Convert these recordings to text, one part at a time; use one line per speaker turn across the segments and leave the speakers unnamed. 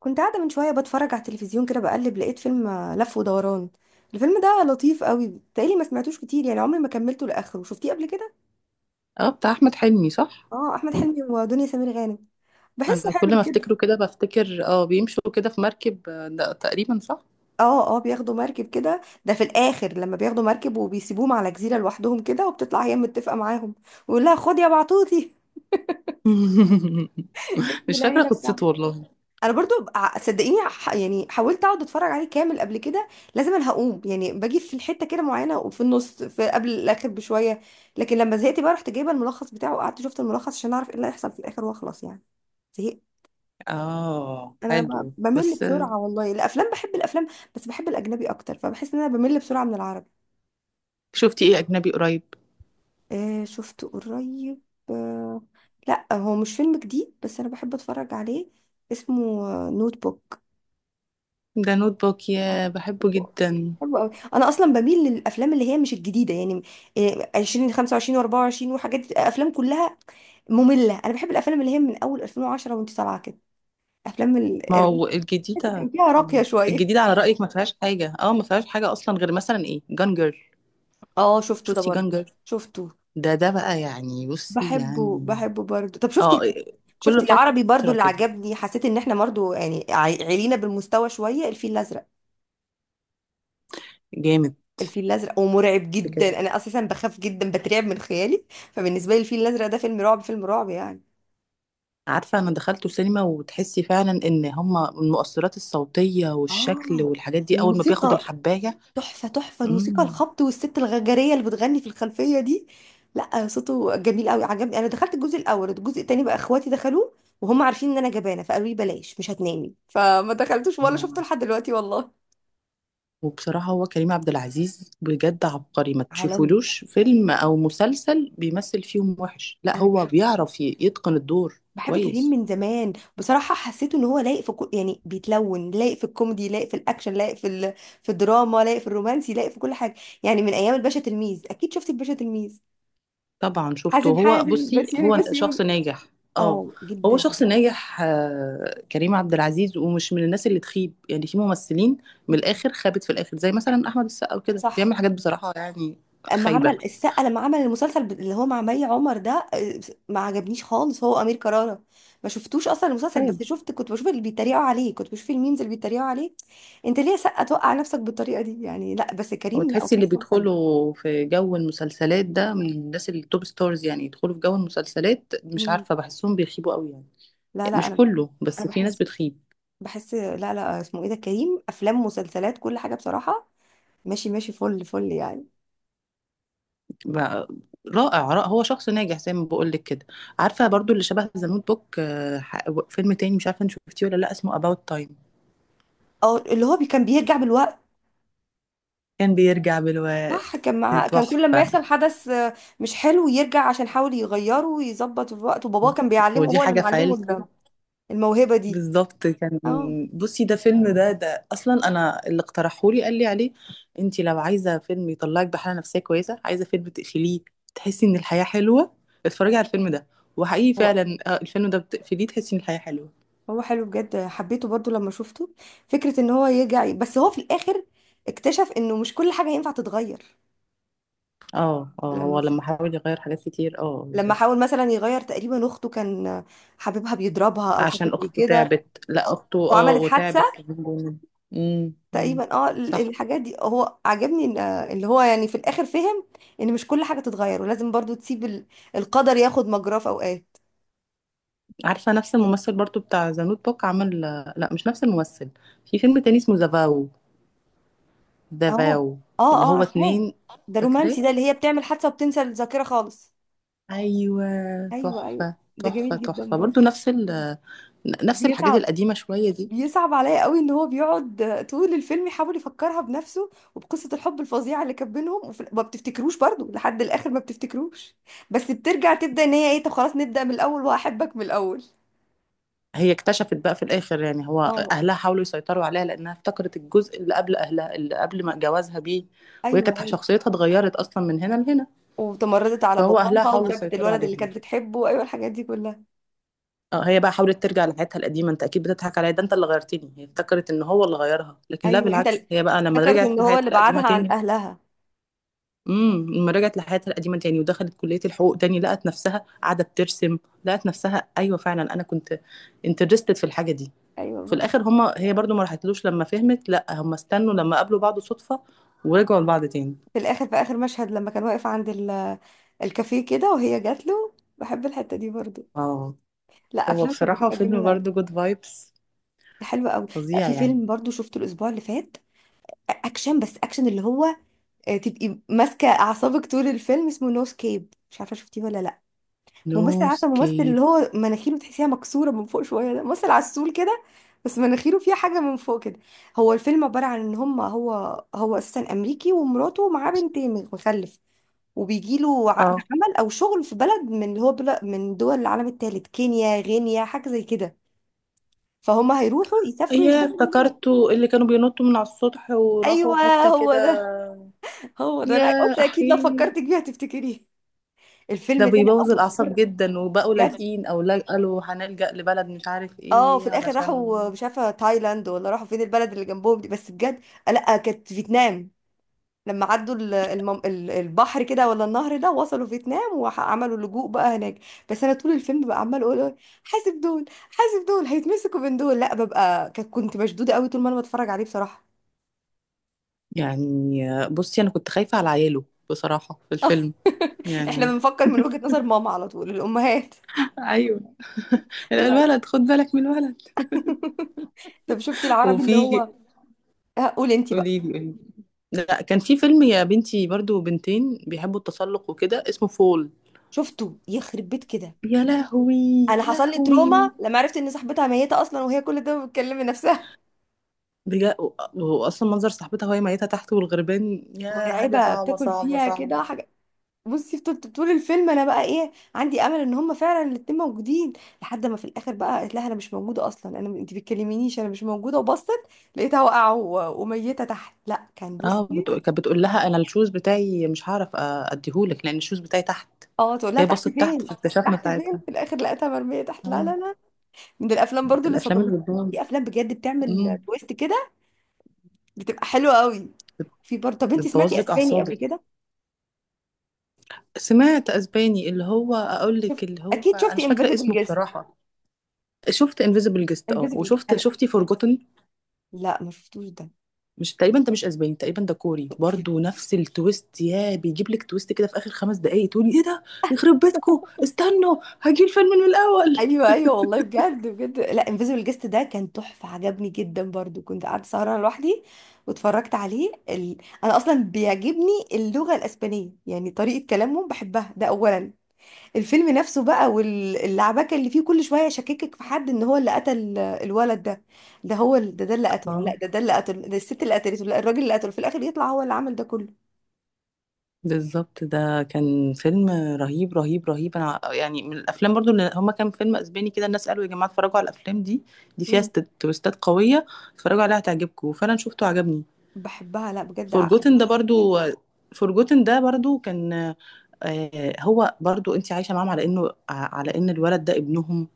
كنت قاعدة من شوية بتفرج على التلفزيون كده بقلب، لقيت فيلم لف ودوران. الفيلم ده لطيف قوي، تقريبا ما سمعتوش كتير يعني، عمري ما كملته لآخره، شفتيه قبل كده؟
اه، بتاع احمد حلمي صح.
اه، احمد حلمي ودنيا سمير غانم. بحسه
انا كل
حلو
ما
كده.
افتكره كده بفتكر بيمشوا كده في مركب، ده تقريبا صح.
اه اه، بياخدوا مركب كده، ده في الاخر لما بياخدوا مركب وبيسيبوهم على جزيرة لوحدهم كده، وبتطلع هي متفقة معاهم ويقول لها خد يا بعطوتي. اسم
مش فاكره
العيلة بتاعها.
قصته والله.
انا برضو صدقيني، يعني حاولت اقعد اتفرج عليه كامل قبل كده، لازم انا هقوم يعني، باجي في الحته كده معينه، وفي النص، في قبل الاخر بشويه، لكن لما زهقت بقى رحت جايبه الملخص بتاعه، وقعدت شفت الملخص عشان اعرف ايه اللي هيحصل في الاخر واخلص يعني. زهقت.
اه
انا
حلو
بمل
بس.
بسرعه والله. الافلام، بحب الافلام، بس بحب الاجنبي اكتر، فبحس ان انا بمل بسرعه من العربي.
شفتي ايه اجنبي قريب؟
آه، شفت قريب. آه. لا هو مش فيلم جديد، بس انا بحب اتفرج عليه. اسمه نوت بوك.
ده نوت بوك، يا
آه.
بحبه
حلو.
جدا.
حلو قوي. انا اصلا بميل للافلام اللي هي مش الجديده يعني، 20 25 و24 وحاجات، افلام كلها ممله. انا بحب الافلام اللي هي من اول 2010 وانت طالعه كده، افلام
ما هو
الرومانسية، كان
الجديده.
فيها راقيه شويه.
الجديده على رايك ما فيهاش حاجه، ما فيهاش حاجه اصلا، غير مثلا جانجر.
اه شفته ده
شفتي
برضه.
جانجر؟
شفته.
ده بقى يعني، بصي
بحبه
يعني.
بحبه برضه. طب
اه،
شفتي، شفتي
كل
العربي برضه
فتره
اللي
كده.
عجبني؟ حسيت ان احنا برضه يعني علينا بالمستوى شويه، الفيل الازرق.
جامد.
الفيل الازرق ومرعب جدا. انا اساسا بخاف جدا، بترعب من خيالي، فبالنسبه لي الفيل الازرق ده فيلم رعب، فيلم رعب يعني.
عارفة، أنا دخلته سينما وتحسي فعلا إن هما المؤثرات الصوتية والشكل
اه.
والحاجات دي أول ما بياخد
الموسيقى.
الحباية.
تحفة تحفة الموسيقى،
مم.
الخبط، والست الغجرية اللي بتغني في الخلفية دي. لا صوته جميل قوي، عجبني. انا دخلت الجزء الاول، الجزء التاني بقى اخواتي دخلوه، وهم عارفين ان انا جبانة فقالوا لي بلاش، مش هتنامي، فما دخلتوش ولا شفته
مم.
لحد دلوقتي والله.
وبصراحة هو كريم عبد العزيز بجد عبقري، ما
عالمي.
تشوفولوش فيلم أو مسلسل بيمثل فيهم وحش، لا
انا
هو
بحب،
بيعرف يتقن الدور
بحب كريم
كويس.
من زمان بصراحة. حسيته ان هو لايق في كل، يعني بيتلون، لايق في الكوميدي، لايق في الاكشن، لايق في في الدراما، لايق في الرومانسي، لايق في كل حاجة. يعني من ايام الباشا تلميذ. اكيد شفتي الباشا تلميذ؟
طبعا شفته،
حازم
هو
حازم
بصي
بسيوني
هو
بسيوني
شخص ناجح. اه،
اه،
هو
جدا
شخص
جدا.
ناجح، كريم عبد العزيز، ومش من الناس اللي تخيب، يعني في ممثلين من
بت-
الاخر خابت في الاخر، زي مثلا احمد السقا وكده بيعمل
صح.
حاجات بصراحة يعني.
اما عمل
خايبة.
السقا، لما عمل المسلسل اللي هو مع مي عمر ده، ما عجبنيش خالص. هو امير كرارة. ما شفتوش اصلا المسلسل،
خايب.
بس شفت، كنت بشوف اللي بيتريقوا عليه، كنت بشوف الميمز اللي بيتريقوا عليه. انت ليه يا سقا توقع نفسك بالطريقه دي يعني؟ لا، بس
هو
كريم لا،
تحسي
وكريم
اللي
مختلف.
بيدخلوا في جو المسلسلات ده من الناس التوب ستارز، يعني يدخلوا في جو المسلسلات مش
مم.
عارفة بحسهم بيخيبوا قوي يعني.
لا لا،
مش
انا
كله،
انا
بس في ناس
بحس
بتخيب.
بحس لا لا، اسمه ايه ده، كريم، افلام، مسلسلات، كل حاجه بصراحه. ماشي ماشي، فل فل يعني.
بقى- رائع رائع، هو شخص ناجح زي ما بقول لك كده. عارفه برضو اللي شبه ذا نوت بوك، فيلم تاني مش عارفه انت شفتيه ولا لا، اسمه About Time.
اه اللي هو كان بيرجع بالوقت.
كان بيرجع
صح،
بالوقت.
كان معاه، كان كل لما
تحفه.
يحصل حدث مش حلو، يرجع عشان يحاول يغيره ويظبط الوقت. وباباه كان بيعلمه،
ودي
هو اللي
حاجه في
معلمه
عيلتي
الموهبة دي.
بالظبط، كان
اه.
بصي ده فيلم، ده اصلا انا اللي اقترحهولي قال لي عليه: انت لو عايزه فيلم يطلعك بحاله نفسيه كويسه، عايزه فيلم تقفليه تحسي ان الحياه حلوه، اتفرجي على الفيلم ده. وحقيقي
هو.
فعلا، الفيلم ده بتقفليه تحسي ان الحياه حلوه.
هو حلو بجد، حبيته برضو لما شفته، فكرة ان هو يرجع. بس هو في الاخر اكتشف انه مش كل حاجة ينفع تتغير.
اه اه،
لما
هو
في...
لما حاول يغير حاجات كتير، اه
لما
بالظبط.
حاول مثلا يغير تقريبا اخته، كان حبيبها بيضربها او حاجة
عشان
زي
اخته
كده،
تعبت، لا اخته
وعملت حادثة
وتعبت كمان جامد. امم. أمم.
تقريبا. اه
صح.
الحاجات دي، هو عجبني ان اللي هو يعني في الاخر فهم ان مش كل حاجه تتغير، ولازم برضو تسيب القدر ياخد مجراه في اوقات.
عارفه نفس الممثل برضو بتاع ذا نوت بوك عمل، لا مش نفس الممثل، في فيلم تاني اسمه زافاو.
اه.
زافاو،
اه
اللي
اه،
هو
عارفاه.
اتنين.
ده رومانسي،
فاكراه.
ده اللي هي بتعمل حادثه وبتنسى الذاكره خالص.
ايوه.
ايوه ايوه.
تحفه
ده
تحفه
جميل جدا
تحفه برضو،
برضو.
نفس نفس الحاجات
بيصعب،
القديمه شويه دي.
بيصعب عليا قوي ان هو بيقعد طول الفيلم يحاول يفكرها بنفسه وبقصه الحب الفظيعه اللي كان بينهم، ما بتفتكروش برضو لحد الاخر، ما بتفتكروش. بس بترجع تبدا ان هي ايه، طب خلاص نبدا من الاول، وهحبك من الاول.
هي اكتشفت بقى في الاخر يعني، هو
اه.
اهلها حاولوا يسيطروا عليها لانها افتكرت الجزء اللي قبل اهلها، اللي قبل ما جوازها بيه، وهي
ايوه
كانت
ايوه،
شخصيتها اتغيرت اصلا من هنا لهنا.
وتمردت على
فهو اهلها
باباها،
حاولوا
وسابت
يسيطروا
الولد اللي
عليهم.
كانت بتحبه، ايوه، الحاجات دي كلها.
اه، هي بقى حاولت ترجع لحياتها القديمه، انت اكيد بتضحك عليا، ده انت اللي غيرتني. هي افتكرت ان هو اللي غيرها، لكن لا
ايوه،
بالعكس، هي بقى لما
افتكرت
رجعت
ان هو
لحياتها
اللي
القديمه
بعدها عن
تاني،
اهلها.
لما رجعت لحياتها القديمه تاني ودخلت كليه الحقوق تاني، لقت نفسها قاعده بترسم. لقت نفسها، ايوه فعلا، انا كنت انترستد في الحاجه دي. في
ايوه.
الاخر هما، هي برضو ما راحتلوش لما فهمت، لا هما استنوا لما قابلوا بعض صدفة، ورجعوا لبعض تاني.
في الاخر، في اخر مشهد لما كان واقف عند الكافيه كده، وهي جات له. بحب الحته دي برضو.
اه،
لا،
هو
افلام كانت
بصراحة
بتبقى
فيلم
جميله قوي.
برضو جود فايبس،
حلوه قوي. لا،
فظيع
في
يعني.
فيلم برضو شفته الاسبوع اللي فات، اكشن، بس اكشن، اللي هو تبقي ماسكه اعصابك طول الفيلم. اسمه نو سكيب، مش عارفه شفتيه ولا لا.
نو
ممثل، عارفه ممثل
سكيب.
اللي هو مناخيره تحسيها مكسوره من فوق شويه؟ ده ممثل عسول كده، بس مناخيره فيها حاجه من فوق كده. هو الفيلم عباره عن ان هم، هو، هو اساسا امريكي، ومراته معاه بنتين، مخلف، وبيجي له عقد
اه،
عمل او شغل في بلد من، اللي هو بلد من دول العالم الثالث، كينيا، غينيا، حاجه زي كده. فهم هيروحوا يسافروا
يا
يشتغلوا هناك.
افتكرته، اللي كانوا بينطوا من على السطح
ايوه.
وراحوا حتة
هو
كده.
ده، هو ده، انا
يا
قلت اكيد لو
أخي،
فكرتك بيه هتفتكريه.
ده
الفيلم ده انا
بيبوظ
اول
الأعصاب
مره.
جدا، وبقوا
بجد.
لاجئين أو قالوا هنلجأ لبلد مش عارف
اه، في
إيه
الاخر
علشان
راحوا مش عارفه تايلاند ولا راحوا فين، البلد اللي جنبهم دي، بس بجد. لا كانت فيتنام. لما عدوا البحر كده، ولا النهر ده، وصلوا فيتنام وعملوا لجوء بقى هناك. بس انا طول الفيلم بقى عمال اقول حاسب دول، حاسب دول هيتمسكوا من دول. لا، ببقى، كنت مشدوده قوي طول ما انا بتفرج عليه بصراحه.
يعني. بصي أنا كنت خايفة على عياله بصراحة في الفيلم
احنا
يعني.
بنفكر من وجهة نظر ماما على طول، الامهات.
ايوه.
لا لا.
الولد، خد بالك من الولد.
طب شفتي العربي اللي
وفي،
هو، قولي انت بقى.
قولي لي قولي لي. لا كان في فيلم يا بنتي برضو، بنتين بيحبوا التسلق وكده، اسمه فول.
شفته. يخرب بيت كده.
يا لهوي.
انا
يا
حصل لي
لهوي.
تروما لما عرفت ان صاحبتها ميته اصلا، وهي كل ده بتكلم نفسها.
بجد. واصلا منظر صاحبتها وهي ميتة تحت والغربان، يا حاجة
مرعبة،
صعبة
بتاكل
صعبة
فيها كده
صعبة.
حاجة. بصي، طول طول الفيلم انا بقى ايه، عندي امل ان هم فعلا الاتنين موجودين، لحد ما في الاخر بقى قالت لها انا مش موجودة اصلا، انا انت بتكلمينيش، انا مش موجودة، وبصت لقيتها واقعة وميتة تحت. لا كان،
اه،
بصي.
كانت بتقول لها: انا الشوز بتاعي مش هعرف اديهولك لان الشوز بتاعي تحت.
اه، تقول لها
هي
تحت
بصت تحت،
فين،
فاكتشفنا
تحت فين،
ساعتها.
في الاخر لقيتها مرمية تحت. لا لا
اه.
لا. من الافلام برضو اللي
الافلام
صدمتني.
اللي
في
بتبوظ.
افلام بجد بتعمل
أمم.
تويست كده، بتبقى حلوة قوي. في برضه، طب انت سمعتي
بتبوظ لك
اسباني قبل
اعصابك.
كده؟
سمعت اسباني، اللي هو اقول
شفت.
لك اللي هو
اكيد
انا
شفتي
مش فاكره
انفيزبل
اسمه
جيست؟
بصراحه. شفت انفيزبل جيست،
انفيزبل،
وشفت،
انا،
شفتي فورجوتن.
لا ما شفتوش ده.
مش تقريبا، ده مش اسباني تقريبا، ده كوري
في-
برضو نفس التويست، يا بيجيب لك تويست كده في اخر 5 دقايق تقولي ايه ده. يخرب بيتكو، استنوا، هجي الفيلم من الاول.
ايوه ايوه والله، بجد بجد. لا، انفيزبل جيست ده كان تحفه، عجبني جدا برضو، كنت قعدت سهرانه لوحدي واتفرجت عليه انا اصلا بيعجبني اللغه الاسبانيه، يعني طريقه كلامهم بحبها، ده اولا. الفيلم نفسه بقى واللعبكه اللي فيه، كل شويه يشككك في حد ان هو اللي قتل الولد ده، ده هو ده، ده اللي قتله، لا
اه
ده، ده اللي قتله، ده الست اللي قتلته، لا الراجل اللي قتله، في الاخر يطلع هو اللي عمل ده كله.
بالظبط، ده كان فيلم رهيب رهيب رهيب. انا يعني من الافلام برضو، اللي هما كان فيلم اسباني كده الناس قالوا يا جماعه اتفرجوا على الافلام دي، دي فيها
مم.
تويستات قويه، اتفرجوا عليها هتعجبكم. وفعلا شفته عجبني.
بحبها، لا بجد.
فورجوتن ده برضو فورجوتن ده برضو كان، هو برضو انت عايشه معاهم على انه، على ان الولد ده ابنهم.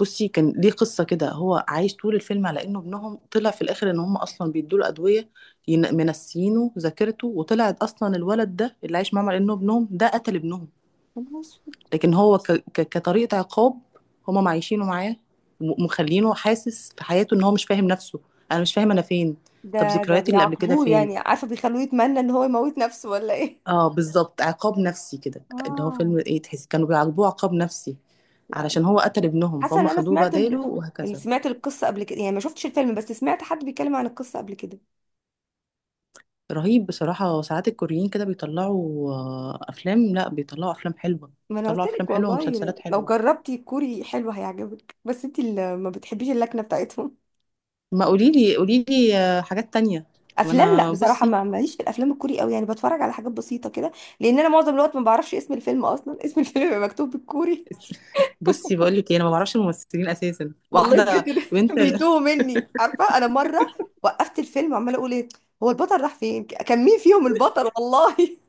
بصي كان ليه قصه كده، هو عايش طول الفيلم على انه ابنهم، طلع في الاخر ان هم اصلا بيدوا له ادويه، منسيينه ذاكرته. وطلعت اصلا الولد ده اللي عايش معاهم على انه ابنهم ده قتل ابنهم،
عجبتني.
لكن هو كطريقه عقاب، هم معيشينه معاه، مخلينه حاسس في حياته ان هو مش فاهم نفسه: انا مش فاهم انا فين، طب
ده، ده
ذكرياتي اللي قبل كده
بيعاقبوه
فين.
يعني، عارفة بيخلوه يتمنى ان هو يموت نفسه ولا ايه؟
اه بالظبط، عقاب نفسي كده، اللي هو فيلم
اه.
ايه، تحس كانوا بيعاقبوه عقاب نفسي علشان
لا.
هو قتل ابنهم
حاسة
فهم
ان انا
خدوه
سمعت
بداله
اللي،
وهكذا.
سمعت القصة قبل كده يعني، ما شفتش الفيلم بس سمعت حد بيتكلم عن القصة قبل كده.
رهيب بصراحة. ساعات الكوريين كده بيطلعوا، أفلام، لا بيطلعوا أفلام حلوة،
ما انا قلت
بيطلعوا أفلام
لك
حلوة
والله،
ومسلسلات
لو
حلوة.
جربتي كوري حلو هيعجبك، بس انت اللي ما بتحبيش اللكنة بتاعتهم.
ما قوليلي قوليلي، حاجات تانية. ما
افلام، لا
أنا
بصراحة
بصي،
ما ماليش في الافلام الكوري قوي، يعني بتفرج على حاجات بسيطة كده، لان انا معظم الوقت ما بعرفش اسم الفيلم اصلا، اسم الفيلم بيبقى مكتوب بالكوري
بصي بقولك إيه، أنا ما بعرفش الممثلين أساسا،
والله
واحدة
بجد.
بنت.
بيتوه مني. عارفه انا مره وقفت الفيلم عماله اقول ايه، هو البطل راح فين، كان مين فيهم البطل والله.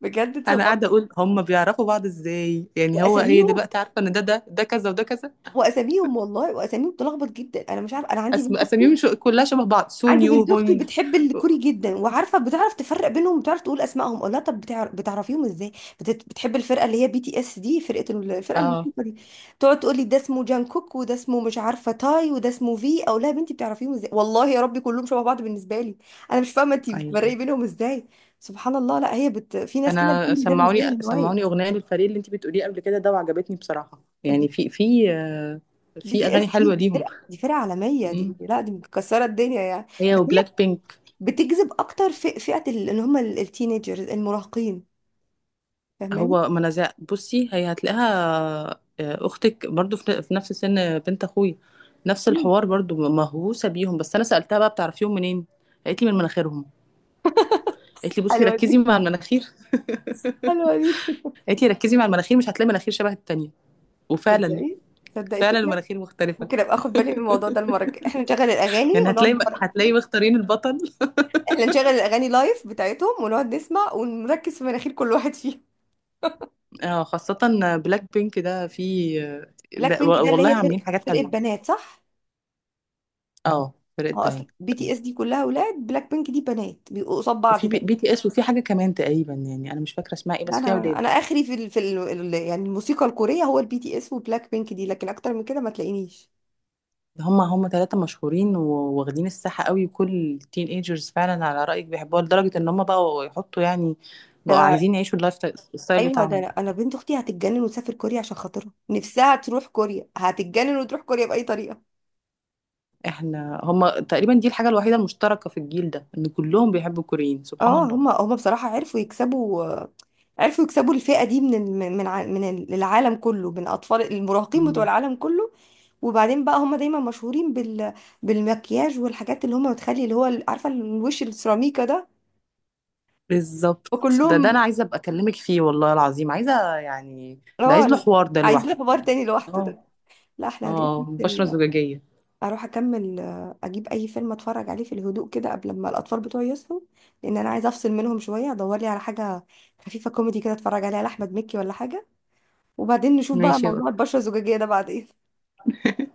بجد
أنا قاعدة
اتصدمت.
أقول هم بيعرفوا بعض إزاي يعني، هو هي
واساميهم،
دلوقتي عارفة إن ده ده ده كذا وده كذا.
واساميهم والله، واساميهم بتلخبط جدا. انا مش عارفه، انا عندي بنت،
اساميهم كلها شبه بعض، سون
عندي
يو
بنت اختي
هونج.
بتحب الكوري جدا وعارفه، بتعرف تفرق بينهم، بتعرف تقول اسمائهم. اقول لها طب بتعرفيهم ازاي؟ بتحب الفرقه اللي هي بي تي اس دي، فرقه الفرقه
اه.
الموسيقى دي. تقعد تقول لي ده اسمه جانكوك، وده اسمه مش عارفه تاي، وده اسمه، في، اقول لها يا بنتي بتعرفيهم ازاي والله يا ربي؟ كلهم شبه بعض بالنسبه لي. انا مش فاهمه انت بتفرقي
ايوه.
بينهم ازاي. سبحان الله. لا هي في ناس كده
انا
الكوري ده بالنسبه
سمعوني
لهم
سمعوني
هوايه.
اغنيه للفريق اللي انت بتقوليه قبل كده ده، وعجبتني بصراحه، يعني في في،
بي
في
تي اس
اغاني
دي،
حلوه
دي
ليهم.
فرقه، دي فرقه عالميه دي،
مم.
لا دي مكسره الدنيا يعني،
هي
بس
وبلاك بينك.
بتجذب اكتر في فئة اللي هم التينيجرز، المراهقين. فاهماني؟
هو منازع، بصي هي هتلاقيها، اختك برضو في نفس سن بنت اخويا، نفس
مم.
الحوار برضو، مهووسه بيهم. بس انا سالتها بقى بتعرفيهم منين؟ قالت لي من مناخيرهم. قالت لي بصي
حلوة
ركزي
دي،
مع المناخير،
حلوة دي.
قالت لي ركزي مع المناخير مش هتلاقي مناخير شبه التانية. وفعلا،
تصدقي، تصدقي
فعلا
فكرة.
المناخير مختلفة.
ممكن ابقى اخد بالي من الموضوع ده المرة الجاية، احنا نشغل الاغاني
يعني
ونقعد
هتلاقي،
نتفرج.
مختارين البطل.
احنا نشغل الاغاني لايف بتاعتهم ونقعد نسمع، ونركز في مناخير كل واحد فيهم.
اه خاصة، بلاك بينك ده في،
بلاك بينك ده اللي
والله
هي
عاملين
فرق
حاجات
فرقة
حلوة.
بنات، صح؟
اه فرقة
اه،
بنات.
اصل بي
آه.
تي اس دي كلها اولاد، بلاك بينك دي بنات، بيبقوا قصاد بعض
وفي بي
دايما.
بي تي اس، وفي حاجة كمان تقريبا يعني أنا مش فاكرة اسمها ايه بس فيها
انا
ولاد.
انا اخري في يعني الموسيقى الكورية، هو البي تي اس وبلاك بينك دي، لكن اكتر من كده ما تلاقينيش.
هم ثلاثة مشهورين وواخدين الساحة قوي، وكل التين ايجرز فعلا على رأيك بيحبوها لدرجة إن هم بقوا يحطوا يعني، بقوا
ده
عايزين يعيشوا اللايف ستايل، الستايل
ايوه، ده
بتاعهم.
انا، أنا بنت اختي هتتجنن وتسافر كوريا، عشان خاطرها نفسها تروح كوريا، هتتجنن وتروح كوريا باي طريقه.
هم تقريبا دي الحاجة الوحيدة المشتركة في الجيل ده، إن كلهم بيحبوا الكوريين، سبحان
اه، هما هما بصراحه، عرفوا يكسبوا. عرفوا يكسبوا الفئه دي من من العالم كله، من اطفال، المراهقين بتوع
الله.
العالم كله. وبعدين بقى، هما دايما مشهورين بال، بالمكياج والحاجات اللي هما بتخلي اللي هو عارفه الوش السيراميكا ده،
بالظبط، ده
وكلهم.
انا عايزه ابقى اكلمك فيه والله العظيم، عايزه يعني ده عايز له
اه،
حوار ده
عايزين
لوحده
حوار
يعني.
تاني لوحده ده.
اه
لا، احنا هنروح.
اه، بشره زجاجيه.
اروح اكمل، اجيب اي فيلم اتفرج عليه في الهدوء كده قبل ما الاطفال بتوعي يصحوا، لان انا عايزه افصل منهم شويه، ادور لي على حاجه خفيفه كوميدي كده اتفرج عليها لاحمد مكي ولا حاجه، وبعدين نشوف بقى
ماشي يا
موضوع
قط.
البشره الزجاجيه ده بعدين.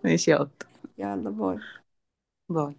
ماشي يا قط.
يلا، باي.
باي.